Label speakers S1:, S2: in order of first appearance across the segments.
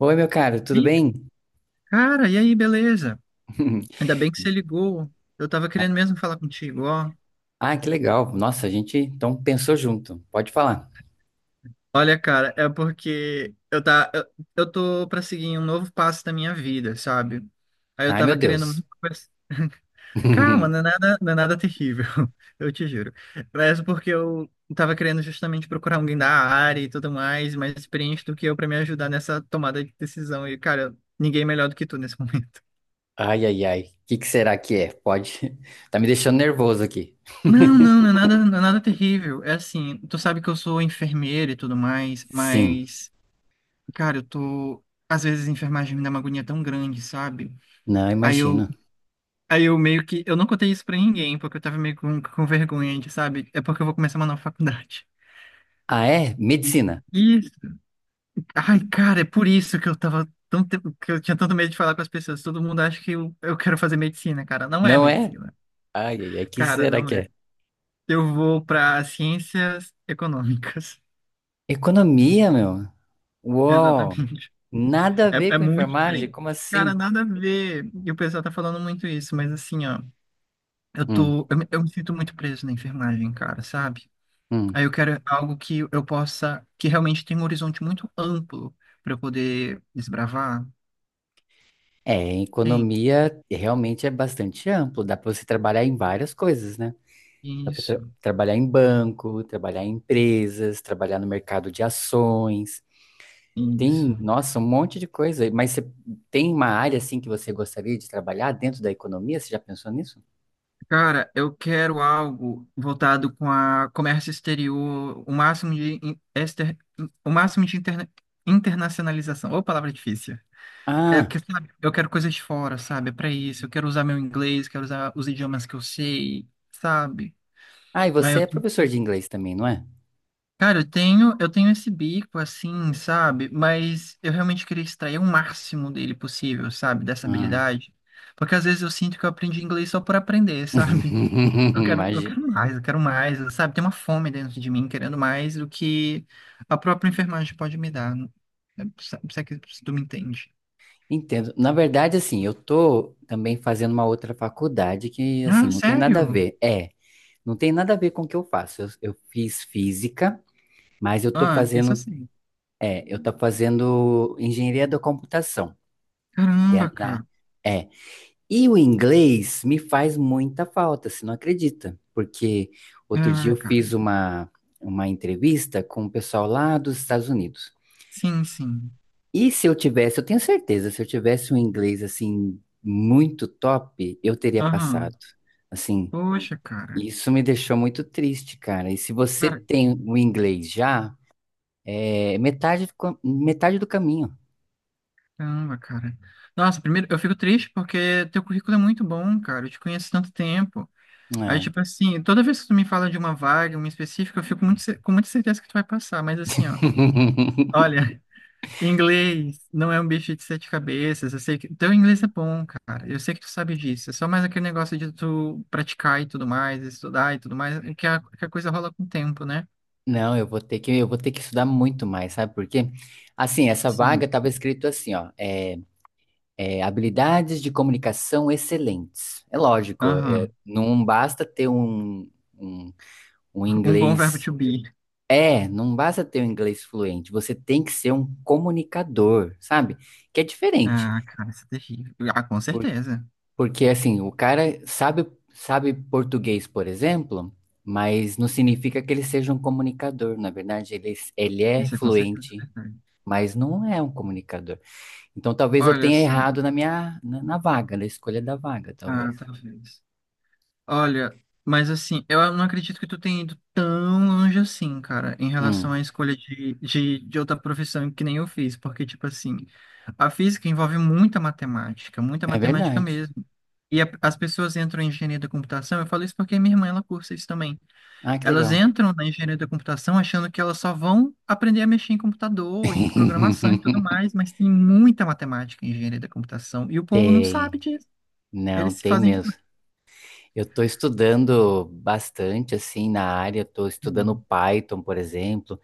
S1: Oi, meu caro, tudo
S2: Ih,
S1: bem?
S2: cara, e aí, beleza? Ainda bem que você ligou. Eu tava querendo mesmo falar contigo, ó.
S1: Ah, que legal. Nossa, a gente então pensou junto. Pode falar.
S2: Olha, cara, é porque eu tô pra seguir um novo passo da minha vida, sabe? Aí eu
S1: Ai, meu
S2: tava querendo
S1: Deus.
S2: muito conversar. Calma, não é nada, não é nada terrível, eu te juro. Mas porque eu tava querendo justamente procurar alguém da área e tudo mais, mais experiente do que eu pra me ajudar nessa tomada de decisão. E, cara, ninguém melhor do que tu nesse momento.
S1: Ai, ai, ai. O que que será que é? Pode. Tá me deixando nervoso aqui.
S2: Não, não, não é nada, não é nada terrível. É assim, tu sabe que eu sou enfermeira e tudo mais,
S1: Sim,
S2: mas, cara, eu tô. Às vezes a enfermagem me dá uma agonia tão grande, sabe?
S1: não
S2: Aí eu,
S1: imagino.
S2: aí eu meio que. Eu não contei isso pra ninguém, porque eu tava meio com vergonha, de, sabe? É porque eu vou começar uma nova faculdade.
S1: Ah, é? Medicina.
S2: E. Ai, cara, é por isso que eu tava tão. Que eu tinha tanto medo de falar com as pessoas. Todo mundo acha que eu quero fazer medicina, cara. Não é
S1: Não é?
S2: medicina.
S1: Ai, ai, ai. O que
S2: Cara,
S1: será
S2: não
S1: que é?
S2: é. Eu vou pra ciências econômicas.
S1: Economia, meu. Uou.
S2: Exatamente.
S1: Nada a ver
S2: É, é
S1: com
S2: muito
S1: enfermagem?
S2: diferente.
S1: Como
S2: Cara,
S1: assim?
S2: nada a ver. E o pessoal tá falando muito isso, mas assim, ó,
S1: Hum,
S2: eu me sinto muito preso na enfermagem, cara, sabe?
S1: hum.
S2: Aí eu quero algo que eu possa, que realmente tem um horizonte muito amplo pra eu poder desbravar.
S1: É,
S2: Tem?
S1: economia realmente é bastante amplo. Dá pra você trabalhar em várias coisas, né? Dá para
S2: Isso,
S1: trabalhar em banco, trabalhar em empresas, trabalhar no mercado de ações. Tem,
S2: isso.
S1: nossa, um monte de coisa. Mas você tem uma área assim que você gostaria de trabalhar dentro da economia? Você já pensou nisso?
S2: Cara, eu quero algo voltado com a comércio exterior, o máximo de internacionalização. Ô, palavra difícil. É
S1: Ah,
S2: que, sabe, eu quero coisas de fora, sabe? É pra isso. Eu quero usar meu inglês, quero usar os idiomas que eu sei, sabe?
S1: ah, e
S2: Aí
S1: você
S2: eu,
S1: é professor de inglês também, não é?
S2: cara, eu tenho esse bico assim, sabe? Mas eu realmente queria extrair o máximo dele possível, sabe? Dessa
S1: Ah.
S2: habilidade. Porque às vezes eu sinto que eu aprendi inglês só por aprender, sabe? Eu quero, eu
S1: Imagina.
S2: quero mais, eu quero mais, sabe? Tem uma fome dentro de mim querendo mais do que a própria enfermagem pode me dar. Sabe, se é que tu me entende.
S1: Entendo. Na verdade, assim, eu tô também fazendo uma outra faculdade que,
S2: Ah,
S1: assim, não tem nada a
S2: sério?
S1: ver. É, não tem nada a ver com o que eu faço. Eu fiz física, mas eu tô
S2: Ah, isso é
S1: fazendo
S2: assim.
S1: É, eu estou fazendo engenharia da computação, que é
S2: Caramba,
S1: na.
S2: cara.
S1: É. E o inglês me faz muita falta, você não acredita? Porque outro dia
S2: Ah, cara.
S1: uma entrevista com o pessoal lá dos Estados Unidos.
S2: Sim, sim.
S1: E se eu tivesse, eu tenho certeza, se eu tivesse um inglês assim muito top, eu teria
S2: Aham.
S1: passado. Assim,
S2: Poxa, cara.
S1: isso me deixou muito triste, cara. E se você
S2: Cara,
S1: tem o inglês já, é metade do caminho.
S2: caramba, cara. Nossa, primeiro, eu fico triste porque teu currículo é muito bom, cara. Eu te conheço há tanto tempo. Aí,
S1: É.
S2: tipo assim, toda vez que tu me fala de uma vaga, uma específica, eu fico muito, com muita certeza que tu vai passar. Mas assim, ó. Olha, inglês não é um bicho de sete cabeças. Eu sei que teu inglês é bom, cara. Eu sei que tu sabe disso. É só mais aquele negócio de tu praticar e tudo mais, estudar e tudo mais, que a coisa rola com o tempo, né?
S1: Não, eu vou ter que estudar muito mais, sabe por quê? Assim, essa vaga
S2: Sim.
S1: estava escrito assim, ó, habilidades de comunicação excelentes. É lógico, é,
S2: Aham.
S1: não basta ter um, um, um
S2: Um bom verbo
S1: inglês.
S2: to be.
S1: É, não basta ter um inglês fluente, você tem que ser um comunicador, sabe? Que é diferente.
S2: Ah, cara, isso é terrível. Ah, com
S1: por-
S2: certeza.
S1: Porque, assim, sabe português, por exemplo. Mas não significa que ele seja um comunicador, na verdade, ele é
S2: Isso é com certeza
S1: fluente
S2: verdade.
S1: mas não é um comunicador. Então talvez eu
S2: Olha,
S1: tenha
S2: assim,
S1: errado na vaga, na escolha da vaga, talvez.
S2: ah, talvez. Olha, mas assim, eu não acredito que tu tenha ido tão longe assim, cara, em relação
S1: Hum,
S2: à escolha de outra profissão que nem eu fiz, porque, tipo assim, a física envolve muita
S1: é
S2: matemática
S1: verdade.
S2: mesmo. E as pessoas entram em engenharia da computação, eu falo isso porque minha irmã, ela cursa isso também.
S1: Ah, que
S2: Elas
S1: legal.
S2: entram na engenharia da computação achando que elas só vão aprender a mexer em computador, em programação e tudo mais, mas tem muita matemática em engenharia da computação e o povo não
S1: Tem,
S2: sabe disso.
S1: não,
S2: Eles se
S1: tem
S2: fazem de
S1: mesmo.
S2: doido.
S1: Eu estou estudando bastante assim na área, estou estudando Python, por exemplo,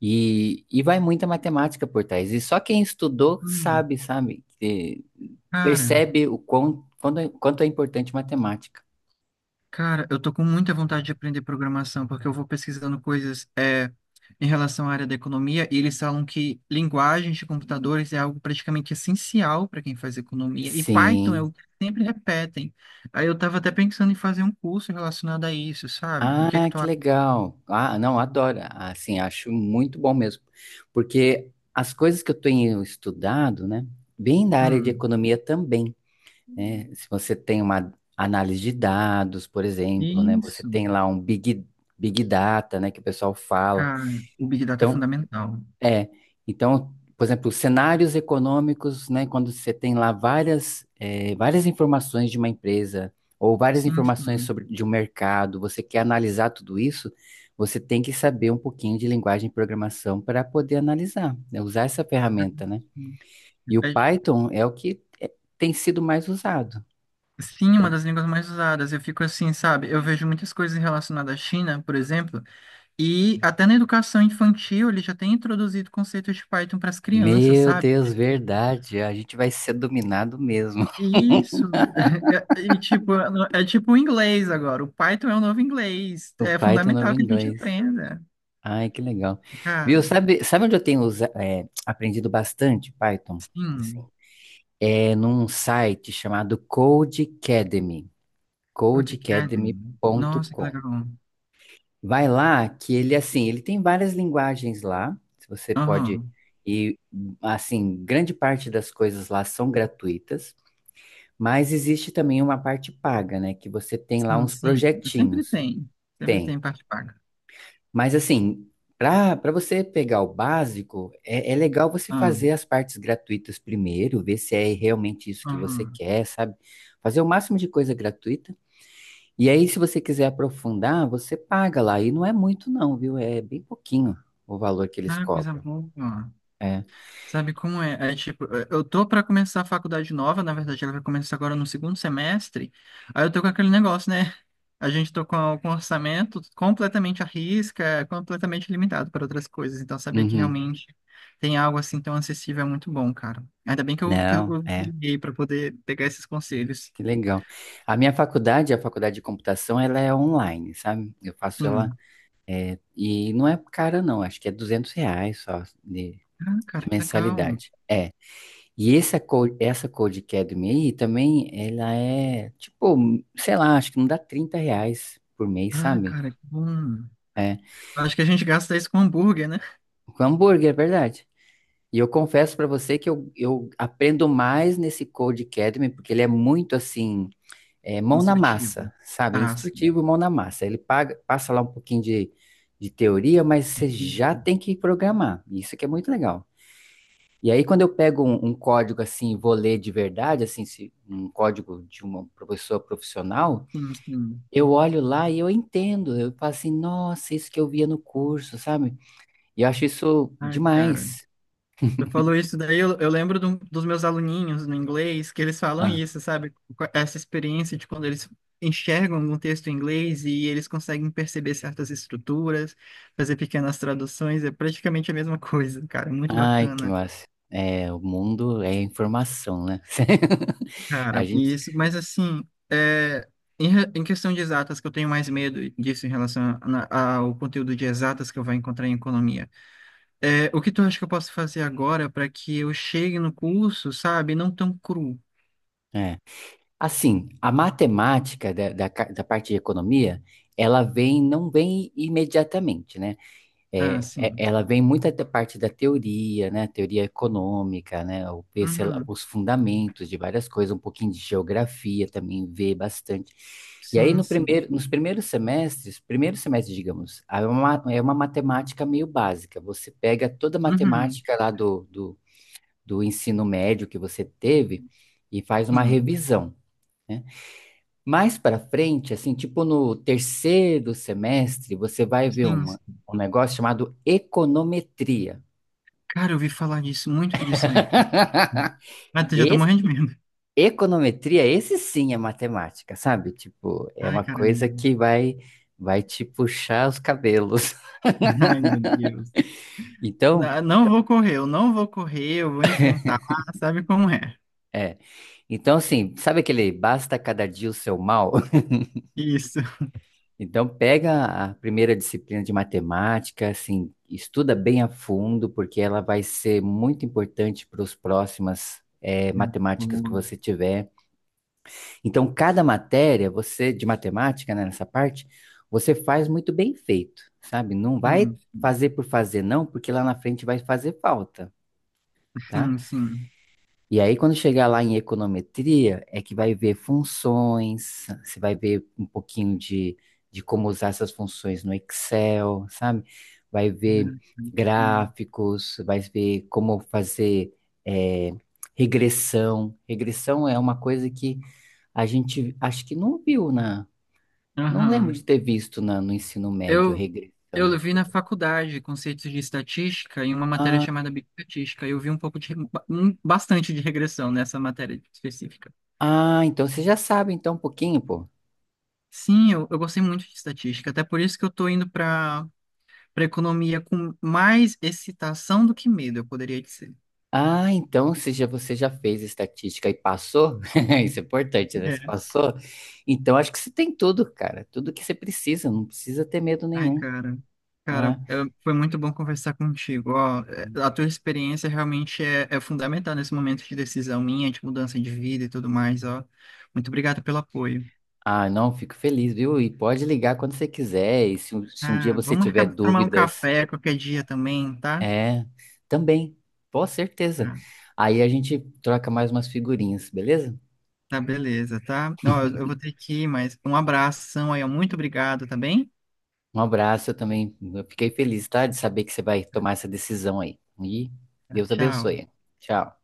S1: e vai muita matemática por trás. E só quem estudou
S2: Hum,
S1: sabe, sabe, que
S2: cara,
S1: percebe quanto é importante matemática.
S2: Cara, eu tô com muita vontade de aprender programação, porque eu vou pesquisando coisas é, em relação à área da economia, e eles falam que linguagens de computadores é algo praticamente essencial para quem faz economia, e Python é
S1: Sim.
S2: o que sempre repetem. Aí eu tava até pensando em fazer um curso relacionado a isso, sabe? O que é que
S1: Ah,
S2: tu
S1: que
S2: acha?
S1: legal. Ah, não, adoro. Assim, acho muito bom mesmo. Porque as coisas que eu tenho estudado, né, bem da área de
S2: Hum,
S1: economia também, né? Se você tem uma análise de dados, por exemplo, né, você
S2: isso,
S1: tem big data, né, que o pessoal fala.
S2: cara, o Big Data é
S1: Então,
S2: fundamental.
S1: é, então, por exemplo, cenários econômicos, né, quando você tem lá várias, várias informações de uma empresa ou várias
S2: Sim,
S1: informações
S2: sim.
S1: sobre de um mercado, você quer analisar tudo isso, você tem que saber um pouquinho de linguagem de programação para poder analisar, né, usar essa ferramenta, né? E o
S2: É,
S1: Python é o que tem sido mais usado.
S2: sim, uma
S1: Então,
S2: das línguas mais usadas. Eu fico assim, sabe? Eu vejo muitas coisas relacionadas à China, por exemplo. E até na educação infantil, ele já tem introduzido conceitos de Python para as crianças,
S1: meu
S2: sabe?
S1: Deus, verdade, a gente vai ser dominado mesmo.
S2: Isso. E, tipo, é tipo o inglês agora. O Python é o novo inglês.
S1: O
S2: É
S1: Python não
S2: fundamental
S1: vem
S2: que a gente
S1: inglês.
S2: aprenda.
S1: Ai, que legal. Viu,
S2: Cara,
S1: sabe, sabe onde eu tenho aprendido bastante Python? Assim,
S2: sim.
S1: é num site chamado Codecademy,
S2: Codecademy. Nossa, que
S1: codecademy.com.
S2: legal.
S1: Vai lá que ele, assim, ele tem várias linguagens lá, se você pode,
S2: Aham.
S1: e, assim, grande parte das coisas lá são gratuitas, mas existe também uma parte paga, né, que você tem lá
S2: Sim,
S1: uns
S2: sim. Sempre
S1: projetinhos.
S2: tem. Sempre
S1: Tem.
S2: tem parte paga.
S1: Mas assim, para para você pegar o básico, é legal você
S2: Ah,
S1: fazer as partes gratuitas primeiro, ver se é realmente isso que você
S2: aham.
S1: quer, sabe? Fazer o máximo de coisa gratuita. E aí, se você quiser aprofundar, você paga lá. E não é muito, não, viu? É bem pouquinho o valor que eles
S2: Ah, coisa
S1: cobram.
S2: boa.
S1: É.
S2: Sabe como é? É tipo, eu tô pra começar a faculdade nova, na verdade ela vai começar agora no segundo semestre. Aí eu tô com aquele negócio, né? A gente tô com um orçamento completamente à risca, completamente limitado para outras coisas. Então saber que
S1: Uhum.
S2: realmente tem algo assim tão acessível é muito bom, cara. Ainda bem que eu, que
S1: Não,
S2: eu te
S1: é.
S2: liguei para poder pegar esses conselhos.
S1: Que legal. A minha faculdade, a faculdade de computação, ela é online, sabe? Eu faço
S2: Sim.
S1: ela. E não é cara, não. Acho que é R$ 200 só
S2: Ah,
S1: de
S2: cara, que legal.
S1: mensalidade. É. E essa Code Academy aí também, ela é, tipo, sei lá, acho que não dá R$ 30 por mês,
S2: Ah,
S1: sabe?
S2: cara, que bom.
S1: É.
S2: Acho que a gente gasta isso com hambúrguer, né?
S1: Com hambúrguer, é verdade. E eu confesso pra você que eu aprendo mais nesse Code Academy, porque ele é muito assim, mão na
S2: Instrutivo.
S1: massa, sabe?
S2: Ah, sim.
S1: Instrutivo, mão na massa. Passa lá um pouquinho de teoria, mas você já tem que programar. Isso que é muito legal. E aí, quando eu pego um código assim, e vou ler de verdade, assim, um código de uma pessoa profissional,
S2: Sim, sim.
S1: eu olho lá e eu entendo. Eu falo assim, nossa, isso que eu via no curso, sabe? E eu acho isso
S2: Ai, cara.
S1: demais.
S2: Tu falou isso daí, eu lembro dos meus aluninhos no inglês, que eles falam
S1: Ah,
S2: isso, sabe? Com essa experiência de quando eles enxergam um texto em inglês e eles conseguem perceber certas estruturas, fazer pequenas traduções, é praticamente a mesma coisa, cara, muito
S1: ai, que
S2: bacana.
S1: massa. É, o mundo é informação, né? A
S2: Cara,
S1: gente,
S2: isso, mas assim, é, em questão de exatas, que eu tenho mais medo disso em relação ao conteúdo de exatas que eu vou encontrar em economia. É, o que tu acha que eu posso fazer agora para que eu chegue no curso, sabe, não tão cru?
S1: é. Assim, a matemática da parte de economia, ela vem, não vem imediatamente, né?
S2: Ah,
S1: É,
S2: sim.
S1: ela vem muito da parte da teoria, né? Teoria econômica, né?
S2: Uhum.
S1: Os fundamentos de várias coisas, um pouquinho de geografia também vê bastante. E aí
S2: Sim,
S1: no
S2: sim.
S1: primeiro, nos primeiros semestres, primeiro semestre, digamos, é uma matemática meio básica. Você pega toda a
S2: Uhum.
S1: matemática lá do ensino médio que você teve e faz uma
S2: Sim,
S1: revisão. Né? Mais para frente, assim, tipo no terceiro semestre, você vai ver
S2: sim,
S1: uma,
S2: sim.
S1: um negócio chamado econometria.
S2: Cara, eu ouvi falar disso, muito disso daí. Ah, já tô
S1: Esse-
S2: morrendo de medo.
S1: Econometria, esse sim é matemática, sabe? Tipo, é
S2: Ai,
S1: uma coisa
S2: caramba.
S1: vai te puxar os cabelos.
S2: Ai, meu Deus.
S1: Então,
S2: Não vou correr, eu não vou correr, eu vou enfrentar. Ah, sabe como é?
S1: é. Então, assim, sabe aquele basta cada dia o seu mal?
S2: Isso.
S1: Então, pega a primeira disciplina de matemática, assim, estuda bem a fundo, porque ela vai ser muito importante para os próximas matemáticas que
S2: Boa.
S1: você tiver. Então, cada matéria, você de matemática, né, nessa parte, você faz muito bem feito, sabe? Não vai
S2: Sim,
S1: fazer por fazer, não, porque lá na frente vai fazer falta, tá?
S2: sim, sim.
S1: E aí, quando chegar lá em econometria, é que vai ver funções, você vai ver um pouquinho de como usar essas funções no Excel, sabe? Vai ver
S2: Sim.
S1: gráficos, vai ver como fazer é, regressão. Regressão é uma coisa que a gente acho que não viu na. Não lembro de
S2: Aham.
S1: ter visto no ensino médio
S2: Eu,
S1: regressão.
S2: eu vi na faculdade conceitos de estatística em uma matéria
S1: Ah,
S2: chamada bioestatística. Eu vi um pouco de, bastante de regressão nessa matéria específica.
S1: ah, então você já sabe então um pouquinho, pô.
S2: Sim, eu gostei muito de estatística, até por isso que eu estou indo para para economia com mais excitação do que medo, eu poderia dizer.
S1: Ah, então se já, você já fez estatística e passou, isso é importante, né? Você
S2: É.
S1: passou, então acho que você tem tudo, cara, tudo que você precisa, não precisa ter medo
S2: Ai,
S1: nenhum,
S2: cara, cara,
S1: né?
S2: é, foi muito bom conversar contigo. Ó, é, a tua experiência realmente é, é fundamental nesse momento de decisão minha, de mudança de vida e tudo mais, ó. Muito obrigado pelo apoio.
S1: Ah, não, fico feliz, viu? E pode ligar quando você quiser, e se um dia
S2: Ah,
S1: você
S2: vamos marcar
S1: tiver
S2: pra tomar um
S1: dúvidas,
S2: café qualquer dia também, tá?
S1: é, também, com certeza.
S2: Tá,
S1: Aí a gente troca mais umas figurinhas, beleza?
S2: tá, beleza, tá? Ó, eu vou ter que ir, mas um abração aí, ó, muito obrigado, tá bem?
S1: Um abraço, eu também, eu fiquei feliz, tá? De saber que você vai tomar essa decisão aí. E
S2: Tá,
S1: Deus
S2: tchau.
S1: abençoe. Tchau.